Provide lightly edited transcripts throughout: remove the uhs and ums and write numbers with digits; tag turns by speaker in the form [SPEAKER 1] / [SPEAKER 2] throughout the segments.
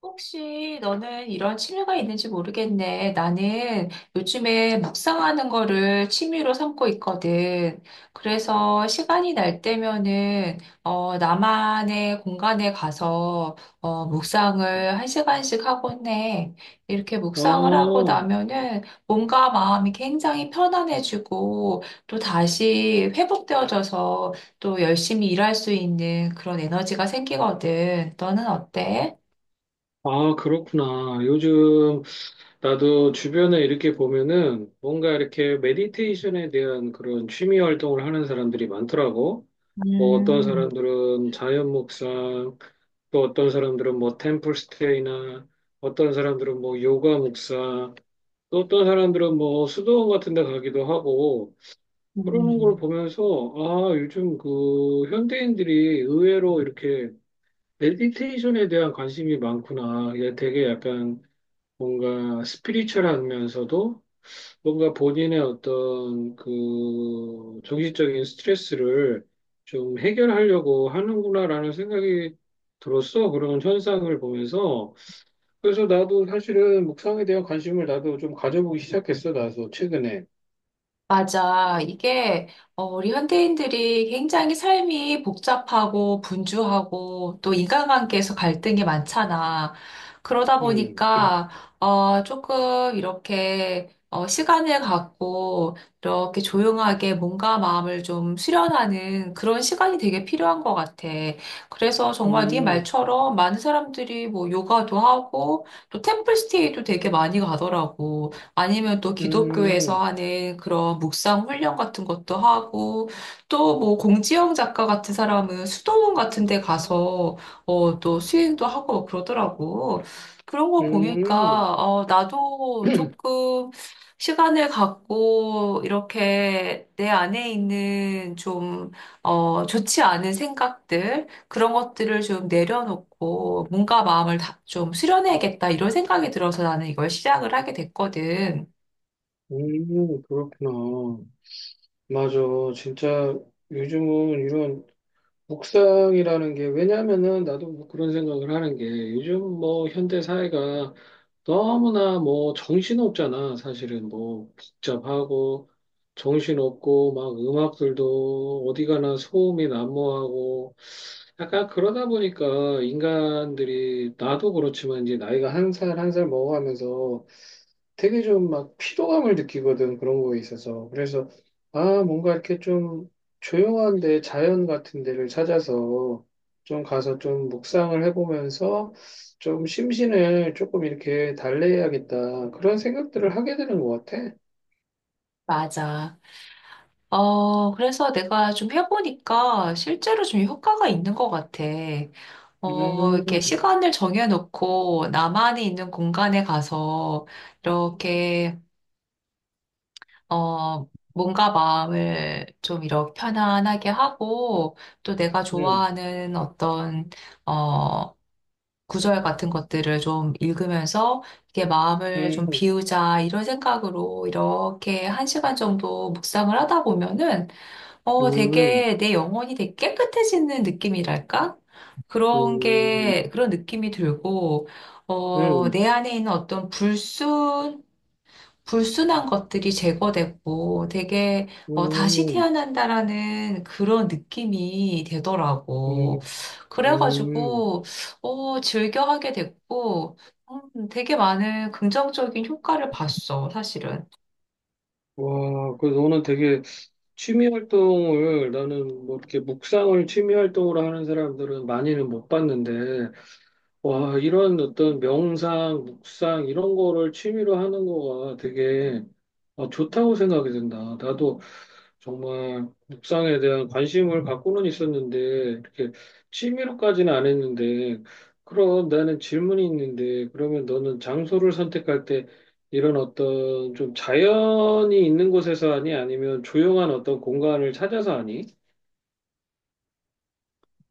[SPEAKER 1] 혹시 너는 이런 취미가 있는지 모르겠네. 나는 요즘에 묵상하는 거를 취미로 삼고 있거든. 그래서 시간이 날 때면은, 나만의 공간에 가서, 묵상을 한 시간씩 하곤 해. 이렇게 묵상을 하고
[SPEAKER 2] 아,
[SPEAKER 1] 나면은 몸과 마음이 굉장히 편안해지고 또 다시 회복되어져서 또 열심히 일할 수 있는 그런 에너지가 생기거든. 너는 어때?
[SPEAKER 2] 아, 그렇구나. 요즘 나도 주변에 이렇게 보면은 뭔가 이렇게 메디테이션에 대한 그런 취미 활동을 하는 사람들이 많더라고. 뭐 어떤
[SPEAKER 1] 음.
[SPEAKER 2] 사람들은 자연 묵상, 또 어떤 사람들은 뭐 템플 스테이나 어떤 사람들은 뭐 요가 묵상, 또 어떤 사람들은 뭐 수도원 같은 데 가기도 하고 그러는 걸
[SPEAKER 1] 음.
[SPEAKER 2] 보면서 아, 요즘 그 현대인들이 의외로 이렇게 메디테이션에 대한 관심이 많구나. 이게 되게 약간 뭔가 스피리추얼하면서도 뭔가 본인의 어떤 그 정신적인 스트레스를 좀 해결하려고 하는구나라는 생각이 들었어. 그런 현상을 보면서. 그래서 나도 사실은 묵상에 대한 관심을 나도 좀 가져보기 시작했어. 나도 최근에.
[SPEAKER 1] 맞아. 이게 우리 현대인들이 굉장히 삶이 복잡하고 분주하고 또 인간관계에서 갈등이 많잖아. 그러다
[SPEAKER 2] 음.
[SPEAKER 1] 보니까 조금 이렇게 시간을 갖고 이렇게 조용하게 몸과 마음을 좀 수련하는 그런 시간이 되게 필요한 것 같아. 그래서 정말 네
[SPEAKER 2] 음.
[SPEAKER 1] 말처럼 많은 사람들이 뭐 요가도 하고 또 템플스테이도 되게 많이 가더라고. 아니면 또 기독교에서
[SPEAKER 2] 음.
[SPEAKER 1] 하는 그런 묵상 훈련 같은 것도 하고 또 뭐 공지영 작가 같은 사람은 수도원 같은 데 가서 또 수행도 하고 막 그러더라고. 그런 거
[SPEAKER 2] 음.
[SPEAKER 1] 보니까 나도 조금 시간을 갖고 이렇게 내 안에 있는 좀 좋지 않은 생각들 그런 것들을 좀 내려놓고 뭔가 마음을 다, 좀 수련해야겠다 이런 생각이 들어서 나는 이걸 시작을 하게 됐거든.
[SPEAKER 2] 음. 그렇구나. 맞아. 진짜 요즘은 이런 묵상이라는 게 왜냐면은 나도 뭐 그런 생각을 하는 게 요즘 뭐 현대 사회가 너무나 뭐 정신없잖아. 사실은 뭐 복잡하고 정신없고 막 음악들도 어디 가나 소음이 난무하고 약간 그러다 보니까 인간들이 나도 그렇지만 이제 나이가 한 살 한 살 먹어가면서 되게 좀 막 피로감을 느끼거든, 그런 거에 있어서. 그래서, 아, 뭔가 이렇게 좀 조용한 데, 자연 같은 데를 찾아서 좀 가서 좀 묵상을 해보면서 좀 심신을 조금 이렇게 달래야겠다. 그런 생각들을 하게 되는 것 같아.
[SPEAKER 1] 맞아. 그래서 내가 좀 해보니까 실제로 좀 효과가 있는 것 같아. 이렇게
[SPEAKER 2] 음.
[SPEAKER 1] 시간을 정해놓고 나만이 있는 공간에 가서 이렇게, 어, 뭔가 마음을 좀 이렇게 편안하게 하고 또 내가
[SPEAKER 2] 음.
[SPEAKER 1] 좋아하는 어떤, 어, 구절 같은 것들을 좀 읽으면서 이게 마음을
[SPEAKER 2] 음.
[SPEAKER 1] 좀
[SPEAKER 2] 음.
[SPEAKER 1] 비우자 이런 생각으로 이렇게 한 시간 정도 묵상을 하다 보면은
[SPEAKER 2] 음.
[SPEAKER 1] 되게 내 영혼이 되게 깨끗해지는 느낌이랄까? 그런
[SPEAKER 2] 음.
[SPEAKER 1] 게 그런 느낌이 들고 어
[SPEAKER 2] 음.
[SPEAKER 1] 내 안에 있는 어떤 불순한 것들이 제거되고 되게 다시
[SPEAKER 2] 음.
[SPEAKER 1] 태어난다라는 그런 느낌이 되더라고.
[SPEAKER 2] 음. 음.
[SPEAKER 1] 그래가지고 즐겨하게 됐고 되게 많은 긍정적인 효과를 봤어, 사실은.
[SPEAKER 2] 와, 그 너는 되게 취미 활동을 나는 뭐 이렇게 묵상을 취미 활동으로 하는 사람들은 많이는 못 봤는데 와 이런 어떤 명상, 묵상 이런 거를 취미로 하는 거가 되게 어, 좋다고 생각이 든다. 나도 정말 묵상에 대한 관심을 갖고는 있었는데 이렇게 취미로까지는 안 했는데 그럼 나는 질문이 있는데 그러면 너는 장소를 선택할 때 이런 어떤 좀 자연이 있는 곳에서 하니 아니면 조용한 어떤 공간을 찾아서 하니?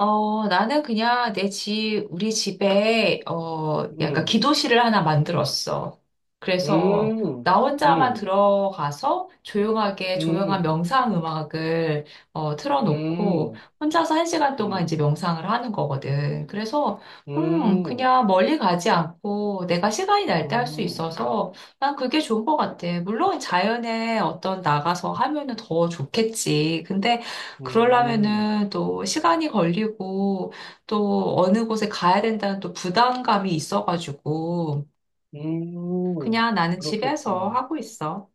[SPEAKER 1] 나는 그냥 내 집, 우리 집에, 약간
[SPEAKER 2] 음.
[SPEAKER 1] 기도실을 하나 만들었어. 그래서
[SPEAKER 2] 음.
[SPEAKER 1] 나 혼자만
[SPEAKER 2] 음.
[SPEAKER 1] 들어가서 조용하게
[SPEAKER 2] 음.
[SPEAKER 1] 조용한
[SPEAKER 2] 음.
[SPEAKER 1] 명상 음악을 틀어놓고
[SPEAKER 2] 음.
[SPEAKER 1] 혼자서 한 시간 동안 이제 명상을 하는 거거든. 그래서,
[SPEAKER 2] 음.
[SPEAKER 1] 그냥 멀리 가지 않고 내가 시간이 날 때 할 수
[SPEAKER 2] 음.
[SPEAKER 1] 있어서 난 그게 좋은 것 같아. 물론 자연에 어떤 나가서 하면은 더 좋겠지. 근데
[SPEAKER 2] 음.
[SPEAKER 1] 그러려면은 또 시간이 걸리고 또 어느 곳에 가야 된다는 또 부담감이 있어가지고
[SPEAKER 2] 음.
[SPEAKER 1] 그냥 나는 집에서
[SPEAKER 2] 그렇겠구나.
[SPEAKER 1] 하고 있어.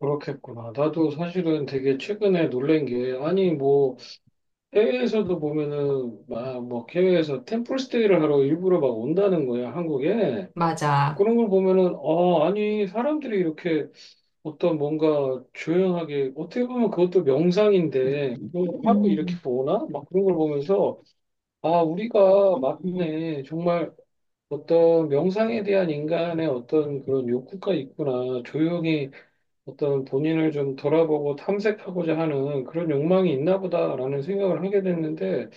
[SPEAKER 2] 그렇겠구나. 나도 사실은 되게 최근에 놀란 게, 아니, 뭐, 해외에서도 보면은, 막, 뭐, 해외에서 템플스테이를 하러 일부러 막 온다는 거야, 한국에.
[SPEAKER 1] 맞아.
[SPEAKER 2] 그런 걸 보면은, 아, 아니, 사람들이 이렇게 어떤 뭔가 조용하게, 어떻게 보면 그것도 명상인데, 그걸 하고 이렇게
[SPEAKER 1] 음.
[SPEAKER 2] 오나? 막 그런 걸 보면서, 아, 우리가 맞네. 정말 어떤 명상에 대한 인간의 어떤 그런 욕구가 있구나. 조용히 어떤 본인을 좀 돌아보고 탐색하고자 하는 그런 욕망이 있나 보다라는 생각을 하게 됐는데,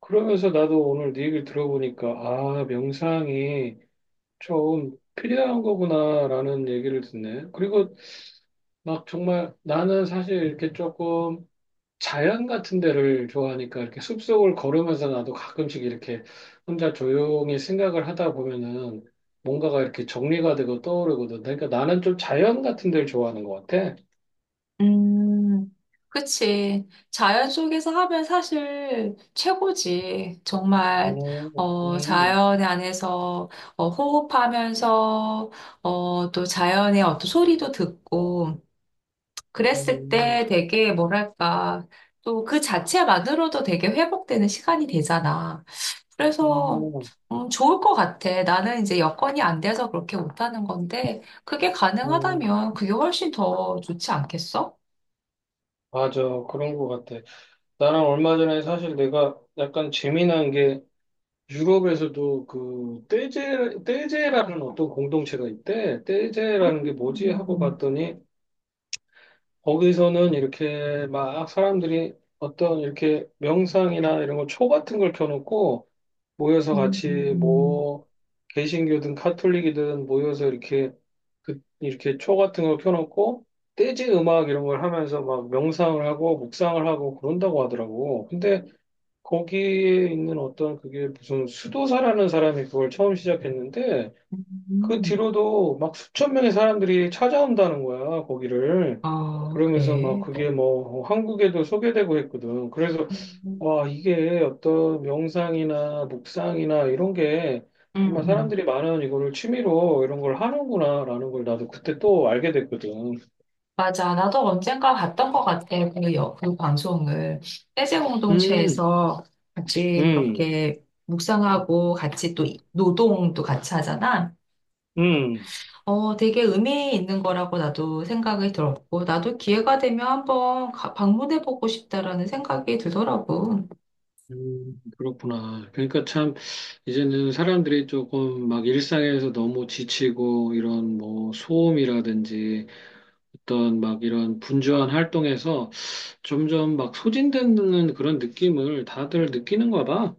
[SPEAKER 2] 그러면서 나도 오늘 네 얘기를 들어보니까, 아, 명상이 좀 필요한 거구나라는 얘기를 듣네. 그리고 막 정말 나는 사실 이렇게 조금 자연 같은 데를 좋아하니까 이렇게 숲속을 걸으면서 나도 가끔씩 이렇게 혼자 조용히 생각을 하다 보면은 뭔가가 이렇게 정리가 되고 떠오르거든. 그러니까 나는 좀 자연 같은 데를 좋아하는 것 같아.
[SPEAKER 1] 음. 그치. 자연 속에서 하면 사실 최고지. 정말,
[SPEAKER 2] 음. 음.
[SPEAKER 1] 자연 안에서 호흡하면서, 또 자연의 어떤 소리도 듣고, 그랬을
[SPEAKER 2] 음.
[SPEAKER 1] 때 되게 뭐랄까, 또 그 자체만으로도 되게 회복되는 시간이 되잖아. 그래서,
[SPEAKER 2] 음.
[SPEAKER 1] 좋을 것 같아. 나는 이제 여건이 안 돼서 그렇게 못하는 건데, 그게
[SPEAKER 2] 음.
[SPEAKER 1] 가능하다면 그게 훨씬 더 좋지 않겠어?
[SPEAKER 2] 맞아. 그런 것 같아. 나랑 얼마 전에 사실 내가 약간 재미난 게 유럽에서도 그 떼제, 떼제라는 어떤 공동체가 있대. 떼제라는 게 뭐지? 하고
[SPEAKER 1] 음.
[SPEAKER 2] 봤더니 거기서는 이렇게 막 사람들이 어떤 이렇게 명상이나 이런 거 초 같은 걸 켜놓고 모여서
[SPEAKER 1] 음. 음.
[SPEAKER 2] 같이
[SPEAKER 1] 음.
[SPEAKER 2] 뭐 개신교든 카톨릭이든 모여서 이렇게 그 이렇게 초 같은 걸 켜놓고 재즈 음악 이런 걸 하면서 막 명상을 하고 묵상을 하고 그런다고 하더라고. 근데 거기에 있는 어떤 그게 무슨 수도사라는 사람이 그걸 처음 시작했는데 그
[SPEAKER 1] 음.
[SPEAKER 2] 뒤로도 막 수천 명의 사람들이 찾아온다는 거야, 거기를.
[SPEAKER 1] 아,
[SPEAKER 2] 그러면서 막
[SPEAKER 1] 그래.
[SPEAKER 2] 그게 뭐 한국에도 소개되고 했거든. 그래서
[SPEAKER 1] 음.
[SPEAKER 2] 와, 이게 어떤 명상이나 묵상이나 이런 게
[SPEAKER 1] 음.
[SPEAKER 2] 정말
[SPEAKER 1] 음.
[SPEAKER 2] 사람들이 많은 이거를 취미로 이런 걸 하는구나라는 걸 나도 그때 또 알게 됐거든.
[SPEAKER 1] 맞아. 나도 언젠가 봤던 것 같아. 그 방송을. 세제
[SPEAKER 2] 음.
[SPEAKER 1] 공동체에서 같이
[SPEAKER 2] 음.
[SPEAKER 1] 그렇게 묵상하고 같이 또 노동도 같이 하잖아.
[SPEAKER 2] 음.
[SPEAKER 1] 되게 의미 있는 거라고 나도 생각이 들었고, 나도 기회가 되면 한번 방문해보고 싶다라는 생각이 들더라고.
[SPEAKER 2] 음. 그렇구나. 그러니까 참 이제는 사람들이 조금 막 일상에서 너무 지치고 이런 뭐 소음이라든지 어떤 막 이런 분주한 활동에서 점점 막 소진되는 그런 느낌을 다들 느끼는가 봐.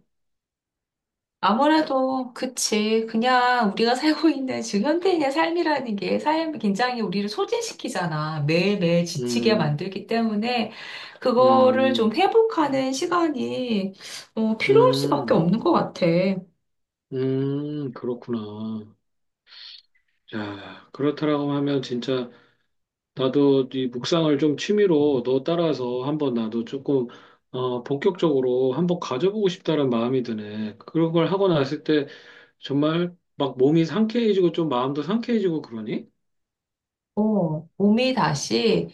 [SPEAKER 1] 아무래도 그치. 그냥 우리가 살고 있는 지금 현대인의 삶이라는 게 삶이 굉장히 우리를 소진시키잖아. 매일매일 지치게
[SPEAKER 2] 음.
[SPEAKER 1] 만들기 때문에 그거를 좀
[SPEAKER 2] 음.
[SPEAKER 1] 회복하는 시간이 필요할 수밖에
[SPEAKER 2] 음.
[SPEAKER 1] 없는 것 같아.
[SPEAKER 2] 음. 그렇구나. 야, 그렇다라고 하면 진짜 나도 이 묵상을 좀 취미로 너 따라서 한번 나도 조금 어, 본격적으로 한번 가져보고 싶다는 마음이 드네. 그런 걸 하고 났을 때 정말 막 몸이 상쾌해지고 좀 마음도 상쾌해지고 그러니?
[SPEAKER 1] 몸이 다시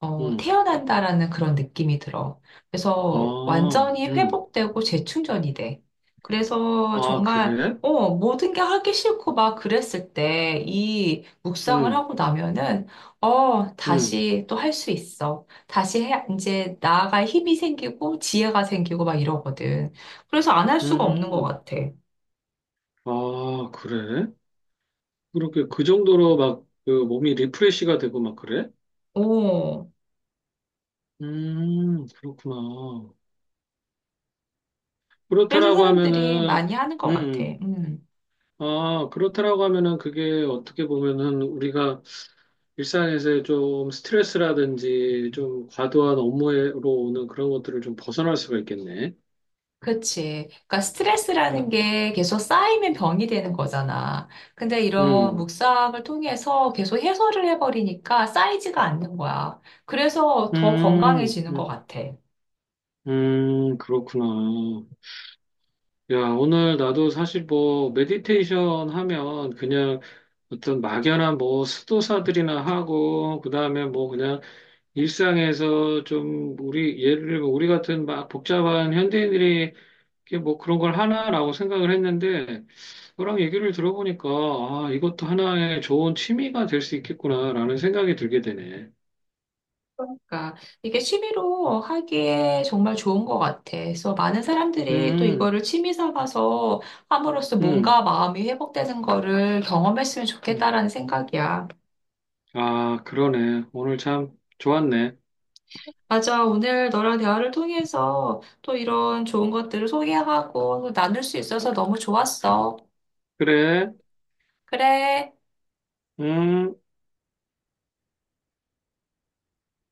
[SPEAKER 2] 응.
[SPEAKER 1] 태어난다라는 그런 느낌이 들어. 그래서
[SPEAKER 2] 아,
[SPEAKER 1] 완전히
[SPEAKER 2] 응.
[SPEAKER 1] 회복되고 재충전이 돼. 그래서
[SPEAKER 2] 아,
[SPEAKER 1] 정말
[SPEAKER 2] 그래?
[SPEAKER 1] 모든 게 하기 싫고 막 그랬을 때 이 묵상을
[SPEAKER 2] 응.
[SPEAKER 1] 하고 나면은
[SPEAKER 2] 응.
[SPEAKER 1] 다시 또 할 수 있어. 다시 해, 이제 나아갈 힘이 생기고 지혜가 생기고 막 이러거든. 그래서 안 할 수가 없는 것
[SPEAKER 2] 음.
[SPEAKER 1] 같아.
[SPEAKER 2] 아, 그래? 그렇게 그 정도로 막 그 몸이 리프레시가 되고 막 그래?
[SPEAKER 1] 오.
[SPEAKER 2] 음. 그렇구나.
[SPEAKER 1] 그래서
[SPEAKER 2] 그렇다라고
[SPEAKER 1] 사람들이
[SPEAKER 2] 하면은,
[SPEAKER 1] 많이 하는
[SPEAKER 2] 음.
[SPEAKER 1] 것 같아.
[SPEAKER 2] 음.
[SPEAKER 1] 음.
[SPEAKER 2] 아, 그렇다라고 하면은 그게 어떻게 보면은 우리가 일상에서 좀 스트레스라든지 좀 과도한 업무로 오는 그런 것들을 좀 벗어날 수가 있겠네.
[SPEAKER 1] 그치. 그러니까 스트레스라는 게 계속 쌓이면 병이 되는 거잖아. 근데 이런
[SPEAKER 2] 음.
[SPEAKER 1] 묵상을 통해서 계속 해소를 해버리니까 쌓이지가 않는 거야. 그래서 더
[SPEAKER 2] 음.
[SPEAKER 1] 건강해지는 것
[SPEAKER 2] 음.
[SPEAKER 1] 같아.
[SPEAKER 2] 음. 그렇구나. 야, 오늘 나도 사실 뭐, 메디테이션 하면 그냥 어떤 막연한 뭐 수도사들이나 하고, 그 다음에 뭐 그냥 일상에서 좀 우리 예를 들면 우리 같은 막 복잡한 현대인들이 이게 뭐 그런 걸 하나라고 생각을 했는데 너랑 얘기를 들어보니까 아 이것도 하나의 좋은 취미가 될 수 있겠구나라는 생각이 들게 되네.
[SPEAKER 1] 그러니까 이게 취미로 하기에 정말 좋은 것 같아. 그래서 많은 사람들이 또
[SPEAKER 2] 음.
[SPEAKER 1] 이거를 취미 삼아서 함으로써
[SPEAKER 2] 음.
[SPEAKER 1] 몸과 마음이 회복되는 거를 경험했으면
[SPEAKER 2] 음.
[SPEAKER 1] 좋겠다라는 생각이야.
[SPEAKER 2] 아 그러네. 오늘 참 좋았네.
[SPEAKER 1] 맞아. 오늘 너랑 대화를 통해서 또 이런 좋은 것들을 소개하고 나눌 수 있어서 너무 좋았어.
[SPEAKER 2] 그래.
[SPEAKER 1] 그래.
[SPEAKER 2] 음.